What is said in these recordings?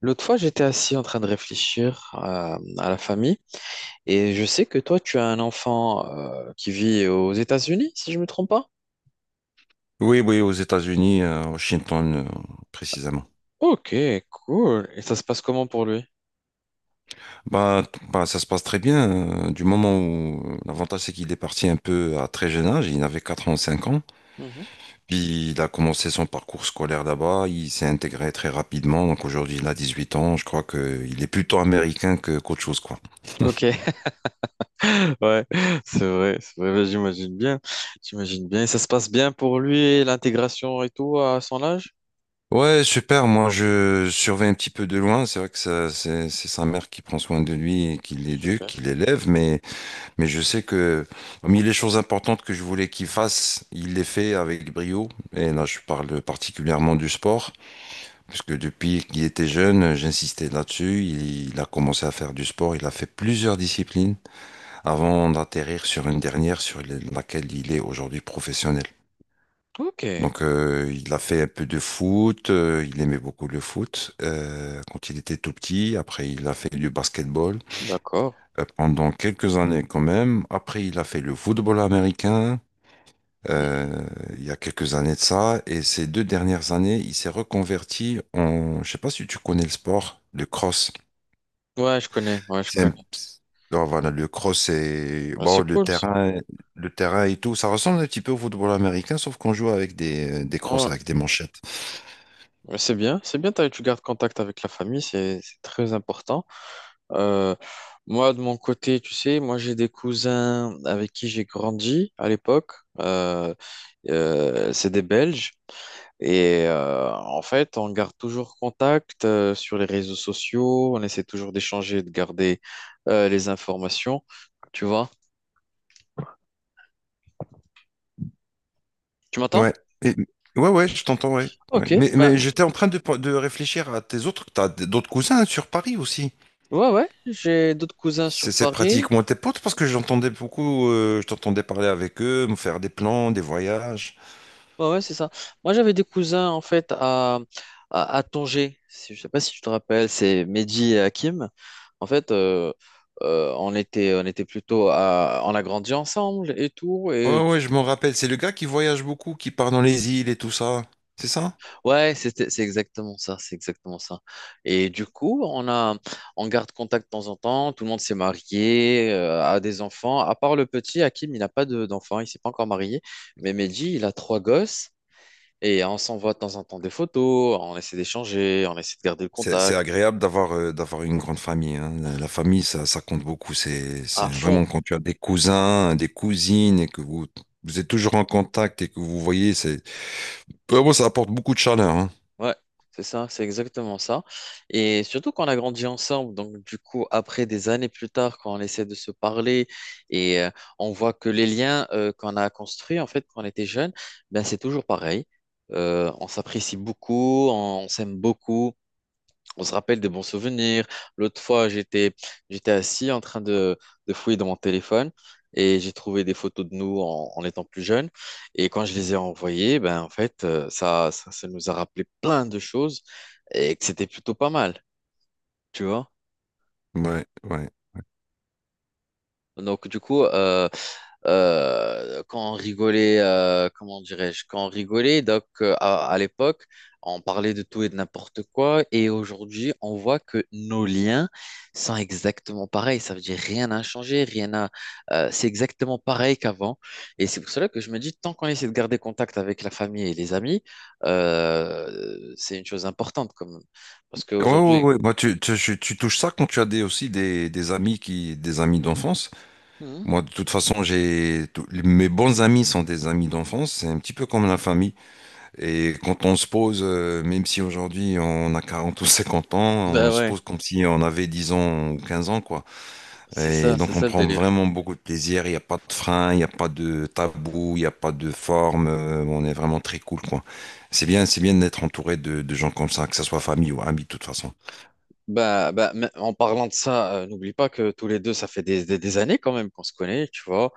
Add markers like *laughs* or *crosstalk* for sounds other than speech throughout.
L'autre fois, j'étais assis en train de réfléchir à la famille et je sais que toi, tu as un enfant qui vit aux États-Unis, si je me trompe pas. Oui, oui, aux États-Unis, à Washington, précisément. Ok, cool. Et ça se passe comment pour lui? Bah, ça se passe très bien. Du moment où l'avantage, c'est qu'il est parti un peu à très jeune âge. Il avait 4 ans, 5 ans. Mhm. Puis il a commencé son parcours scolaire là-bas. Il s'est intégré très rapidement. Donc aujourd'hui, il a 18 ans. Je crois qu'il est plutôt américain que qu'autre chose, quoi. Ok, *laughs* ouais, c'est vrai, bah, j'imagine bien, j'imagine bien. Et ça se passe bien pour lui, l'intégration et tout à son âge? Ouais, super. Moi, je surveille un petit peu de loin. C'est vrai que c'est sa mère qui prend soin de lui et qui l'éduque, Super. qui l'élève, mais mais je sais que parmi les choses importantes que je voulais qu'il fasse, il les fait avec brio. Et là, je parle particulièrement du sport, puisque depuis qu'il était jeune, j'insistais là-dessus. Il a commencé à faire du sport. Il a fait plusieurs disciplines avant d'atterrir sur une dernière sur laquelle il est aujourd'hui professionnel. Ok, Donc, il a fait un peu de foot. Il aimait beaucoup le foot quand il était tout petit. Après, il a fait du basketball d'accord. Pendant quelques années quand même. Après, il a fait le football américain euh, il y a quelques années de ça. Et ces deux dernières années, il s'est reconverti en, je sais pas si tu connais le sport, le cross. Ouais, je connais, ouais, je C'est un- connais. non, voilà, le cross c'est Ouais, bon, c'est le cool, ça. terrain, le terrain et tout. Ça ressemble un petit peu au football américain, sauf qu'on joue avec des Ouais. crosses, avec des manchettes. Ouais, c'est bien, c'est bien, tu gardes contact avec la famille, c'est très important. Euh, Moi, de mon côté, tu sais, moi j'ai des cousins avec qui j'ai grandi à l'époque. Euh, c'est des Belges. Et en fait, on garde toujours contact sur les réseaux sociaux. On essaie toujours d'échanger, de garder les informations. Tu vois? Tu m'entends? Ouais. Et- Ouais, ouais, je t'entends, ouais. Ouais. Ok. Mais, Bah, mais j'étais en train de réfléchir à tes autres. T'as d'autres cousins sur Paris aussi. ouais, ouais. J'ai d'autres cousins sur C'est Paris. pratiquement tes potes parce que j'entendais beaucoup, je t'entendais parler avec eux, me faire des plans, des voyages. Ouais, ouais, c'est ça. Moi, j'avais des cousins, en fait, à Tanger. Je sais pas si tu te rappelles, c'est Mehdi et Hakim. En fait, on était plutôt on a grandi ensemble et tout. Et Ouais, ouais, je m'en rappelle. C'est le gars qui voyage beaucoup, qui part dans les îles et tout ça. C'est ça? ouais, c'est exactement ça, c'est exactement ça. Et du coup, on garde contact de temps en temps. Tout le monde s'est marié, a des enfants. À part le petit Hakim, il n'a pas d'enfant, il s'est pas encore marié. Mais Mehdi, il a trois gosses. Et on s'envoie de temps en temps des photos, on essaie d'échanger, on essaie de garder le C'est contact agréable d'avoir d'avoir une grande famille, hein. La famille, ça compte beaucoup. C'est à fond. vraiment quand tu as des cousins, des cousines et que vous, vous êtes toujours en contact et que vous voyez, c'est Ouais, moi, ça apporte beaucoup de chaleur, hein. Ouais, c'est ça, c'est exactement ça. Et surtout qu'on a grandi ensemble, donc du coup, après des années plus tard, quand on essaie de se parler et on voit que les liens qu'on a construits, en fait, quand on était jeune, ben, c'est toujours pareil. On s'apprécie beaucoup, on s'aime beaucoup. On se rappelle des bons souvenirs. L'autre fois, j'étais assis en train de fouiller dans mon téléphone et j'ai trouvé des photos de nous en étant plus jeunes. Et quand je les ai envoyées, ben, en fait, ça nous a rappelé plein de choses et que c'était plutôt pas mal, tu vois. Ouais, ouais. Donc, du coup, quand on rigolait, comment dirais-je, quand on rigolait, donc à l'époque, on parlait de tout et de n'importe quoi, et aujourd'hui, on voit que nos liens sont exactement pareils. Ça veut dire rien n'a changé, rien n'a. C'est exactement pareil qu'avant, et c'est pour cela que je me dis, tant qu'on essaie de garder contact avec la famille et les amis, c'est une chose importante, comme parce Ouais, ouais, qu'aujourd'hui... ouais. Bah, tu touches ça quand tu as des, aussi des amis qui, des amis d'enfance. Mhm. Moi, de toute façon, j'ai, mes bons amis sont des amis d'enfance. C'est un petit peu comme la famille. Et quand on se pose, même si aujourd'hui on a 40 ou 50 ans, on Ben se ouais, pose comme si on avait 10 ans ou 15 ans, quoi. Et donc c'est on ça le prend délire. vraiment beaucoup de plaisir, il n'y a pas de frein, il n'y a pas de tabou, il n'y a pas de forme, on est vraiment très cool, quoi. C'est bien d'être entouré de gens comme ça, que ce soit famille ou amis, de toute façon. Bah, mais en parlant de ça, n'oublie pas que tous les deux, ça fait des années quand même qu'on se connaît, tu vois.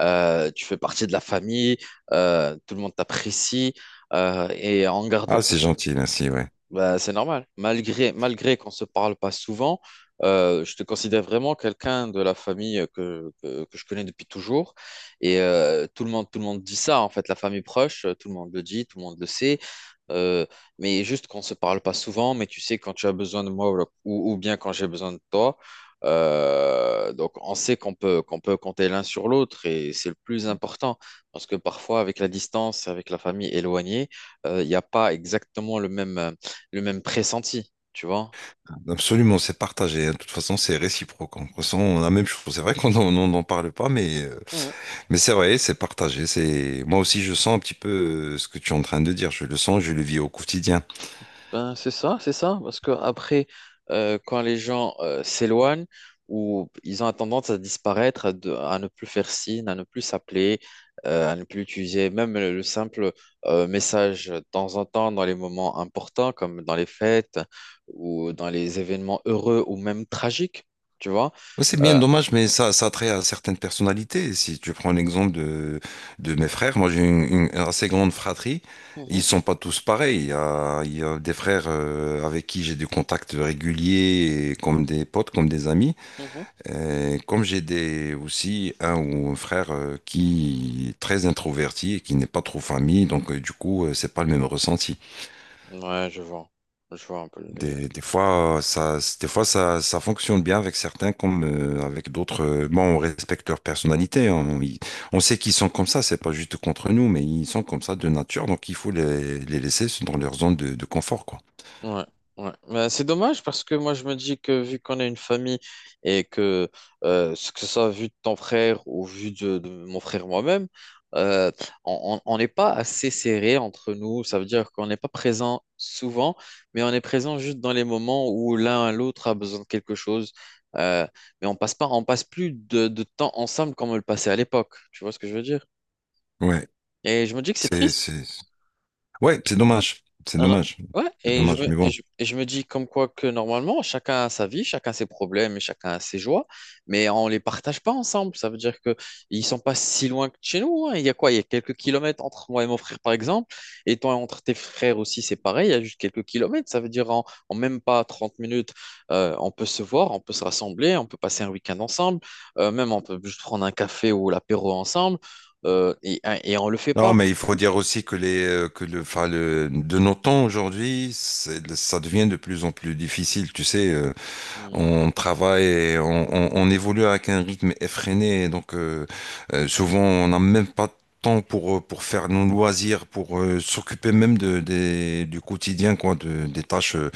Tu fais partie de la famille, tout le monde t'apprécie et on garde le Ah, c'est compte. gentil, merci, ouais. Bah, c'est normal. Malgré qu'on se parle pas souvent, je te considère vraiment quelqu'un de la famille que je connais depuis toujours. Et tout le monde dit ça, en fait, la famille proche, tout le monde le dit, tout le monde le sait. Euh, mais juste qu'on se parle pas souvent, mais tu sais, quand tu as besoin de moi ou bien quand j'ai besoin de toi, donc on sait qu'on peut compter l'un sur l'autre et c'est le plus important. Parce que parfois, avec la distance, avec la famille éloignée, il n'y a pas exactement le même pressenti, tu vois? Absolument, c'est partagé, hein. De toute façon, c'est réciproque. On ressent la même chose. C'est vrai qu'on n'en parle pas, mais mais c'est vrai, c'est partagé. C'est moi aussi, je sens un petit peu ce que tu es en train de dire. Je le sens, je le vis au quotidien. Ben, c'est ça, parce que après, quand les gens s'éloignent ou ils ont tendance à disparaître, à ne plus faire signe, à ne plus s'appeler, à ne plus utiliser même le simple message de temps en temps dans les moments importants, comme dans les fêtes ou dans les événements heureux ou même tragiques, tu vois. Ouais, c'est bien Euh, dommage, mais ça a trait à certaines personnalités. Si tu prends l'exemple de mes frères, moi j'ai une assez grande fratrie. Mhm, Ils sont pas tous pareils. Il y a des frères avec qui j'ai des contacts réguliers, et comme des potes, comme des amis. mhm. Comme j'ai des aussi un ou un frère qui est très introverti et qui n'est pas trop famille, donc du coup, c'est pas le même ressenti. Ouais, je vois un peu le délire. Des fois ça fonctionne bien avec certains comme avec d'autres. Bon, on respecte leur personnalité. On sait qu'ils sont comme ça. C'est pas juste contre nous, mais ils sont comme ça de nature. Donc, il faut les laisser dans leur zone de confort, quoi. Ouais, ouais. Mais c'est dommage parce que moi je me dis que vu qu'on est une famille et que ce que ce soit vu de ton frère ou vu de mon frère moi-même, euh, on n'est pas assez serré entre nous. Ça veut dire qu'on n'est pas présent souvent, mais on est présent juste dans les moments où l'un à l'autre a besoin de quelque chose. Euh, mais on passe pas, on passe plus de temps ensemble comme on le passait à l'époque. Tu vois ce que je veux dire? Ouais, Et je me dis que c'est c'est, triste. c'est, ouais, c'est dommage. C'est Alors, dommage. ouais, C'est dommage, mais bon. Et je me dis comme quoi que normalement, chacun a sa vie, chacun ses problèmes et chacun a ses joies, mais on les partage pas ensemble. Ça veut dire que ils sont pas si loin que chez nous, hein. Il y a quoi? Il y a quelques kilomètres entre moi et mon frère, par exemple, et toi, entre tes frères aussi, c'est pareil, il y a juste quelques kilomètres. Ça veut dire en même pas 30 minutes, on peut se voir, on peut se rassembler, on peut passer un week-end ensemble, même on peut juste prendre un café ou l'apéro ensemble, et on le fait Non, pas. mais il faut dire aussi que les, que le, enfin, le, de nos temps aujourd'hui, ça devient de plus en plus difficile. Tu sais, Hmm. on travaille, on évolue avec un rythme effréné. Donc, souvent, on n'a même pas de temps pour faire nos loisirs, pour s'occuper même du quotidien, quoi, des tâches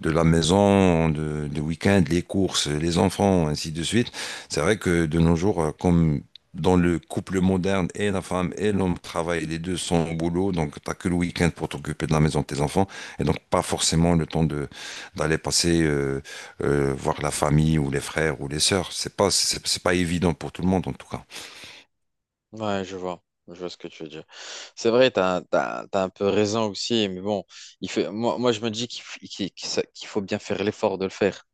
de la maison, de week-end, les courses, les enfants, ainsi de suite. C'est vrai que de nos jours, comme dans le couple moderne, et la femme et l'homme travaillent, les deux sont au boulot, donc t'as que le week-end pour t'occuper de la maison de tes enfants, et donc pas forcément le temps de d'aller passer voir la famille ou les frères ou les sœurs. C'est pas évident pour tout le monde en tout cas. Ouais, je vois. Je vois ce que tu veux dire. C'est vrai, t'as un peu raison aussi, mais bon, moi je me dis qu'il f- qu'il- qu'il sa- qu'il faut bien faire l'effort de le faire.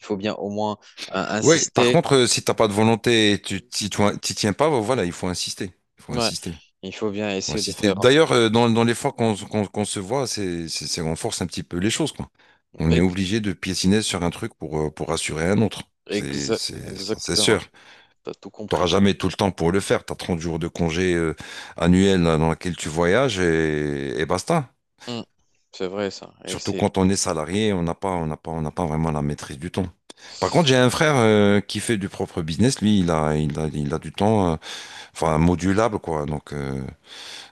Il faut bien au moins Oui, par insister. contre, si t'as pas de volonté et tu t'y tiens pas, bah, voilà, il faut insister. Il faut Ouais, insister. Il il faut bien faut essayer de insister. faire D'ailleurs, dans les fois qu'on se voit, on force un petit peu les choses, quoi. On est ex- obligé de piétiner sur un truc pour assurer un autre. Exa- Ça, c'est exactement. sûr. T'as tout T'auras compris. jamais tout le temps pour le faire. T'as 30 jours de congé annuel dans lequel tu voyages et basta. Mm. C'est vrai, ça. Et Surtout c'est... quand on est salarié, on n'a pas vraiment la maîtrise du temps. Par contre, j'ai un frère qui fait du propre business. Lui, il a du temps, enfin modulable quoi. Donc,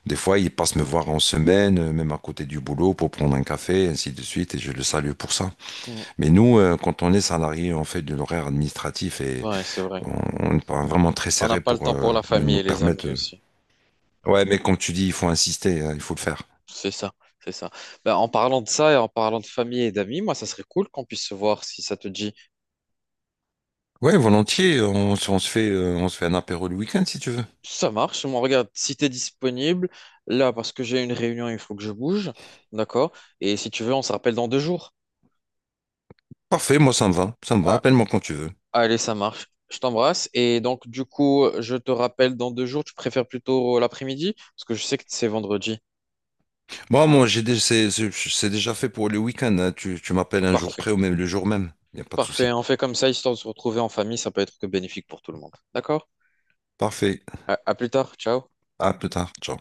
des fois, il passe me voir en semaine, même à côté du boulot, pour prendre un café, ainsi de suite. Et je le salue pour ça. Mm. Mais nous, quand on est salarié, on fait de l'horaire administratif et Ouais, c'est vrai. on, on est pas vraiment très On n'a serré pas le pour temps pour la famille nous et les permettre. amis aussi. Ouais, mais comme tu dis, il faut insister, il faut le faire. C'est ça, c'est ça. Ben, en parlant de ça et en parlant de famille et d'amis, moi, ça serait cool qu'on puisse se voir si ça te dit. Ouais, volontiers. On se fait, on se fait un apéro le week-end si tu veux. Ça marche. On regarde si tu es disponible. Là, parce que j'ai une réunion, il faut que je bouge. D'accord? Et si tu veux, on se rappelle dans 2 jours. Parfait, moi ça me va, Ah, appelle-moi quand tu veux. allez, ça marche. Je t'embrasse. Et donc, du coup, je te rappelle dans 2 jours. Tu préfères plutôt l'après-midi? Parce que je sais que c'est vendredi. Moi, c'est déjà fait pour le week-end, hein. Tu m'appelles un jour Parfait. près ou même le jour même, il n'y a pas de Parfait. souci. On fait comme ça, histoire de se retrouver en famille. Ça peut être que bénéfique pour tout le monde. D'accord? Parfait, À à plus tard. Ciao. à plus tard, ciao.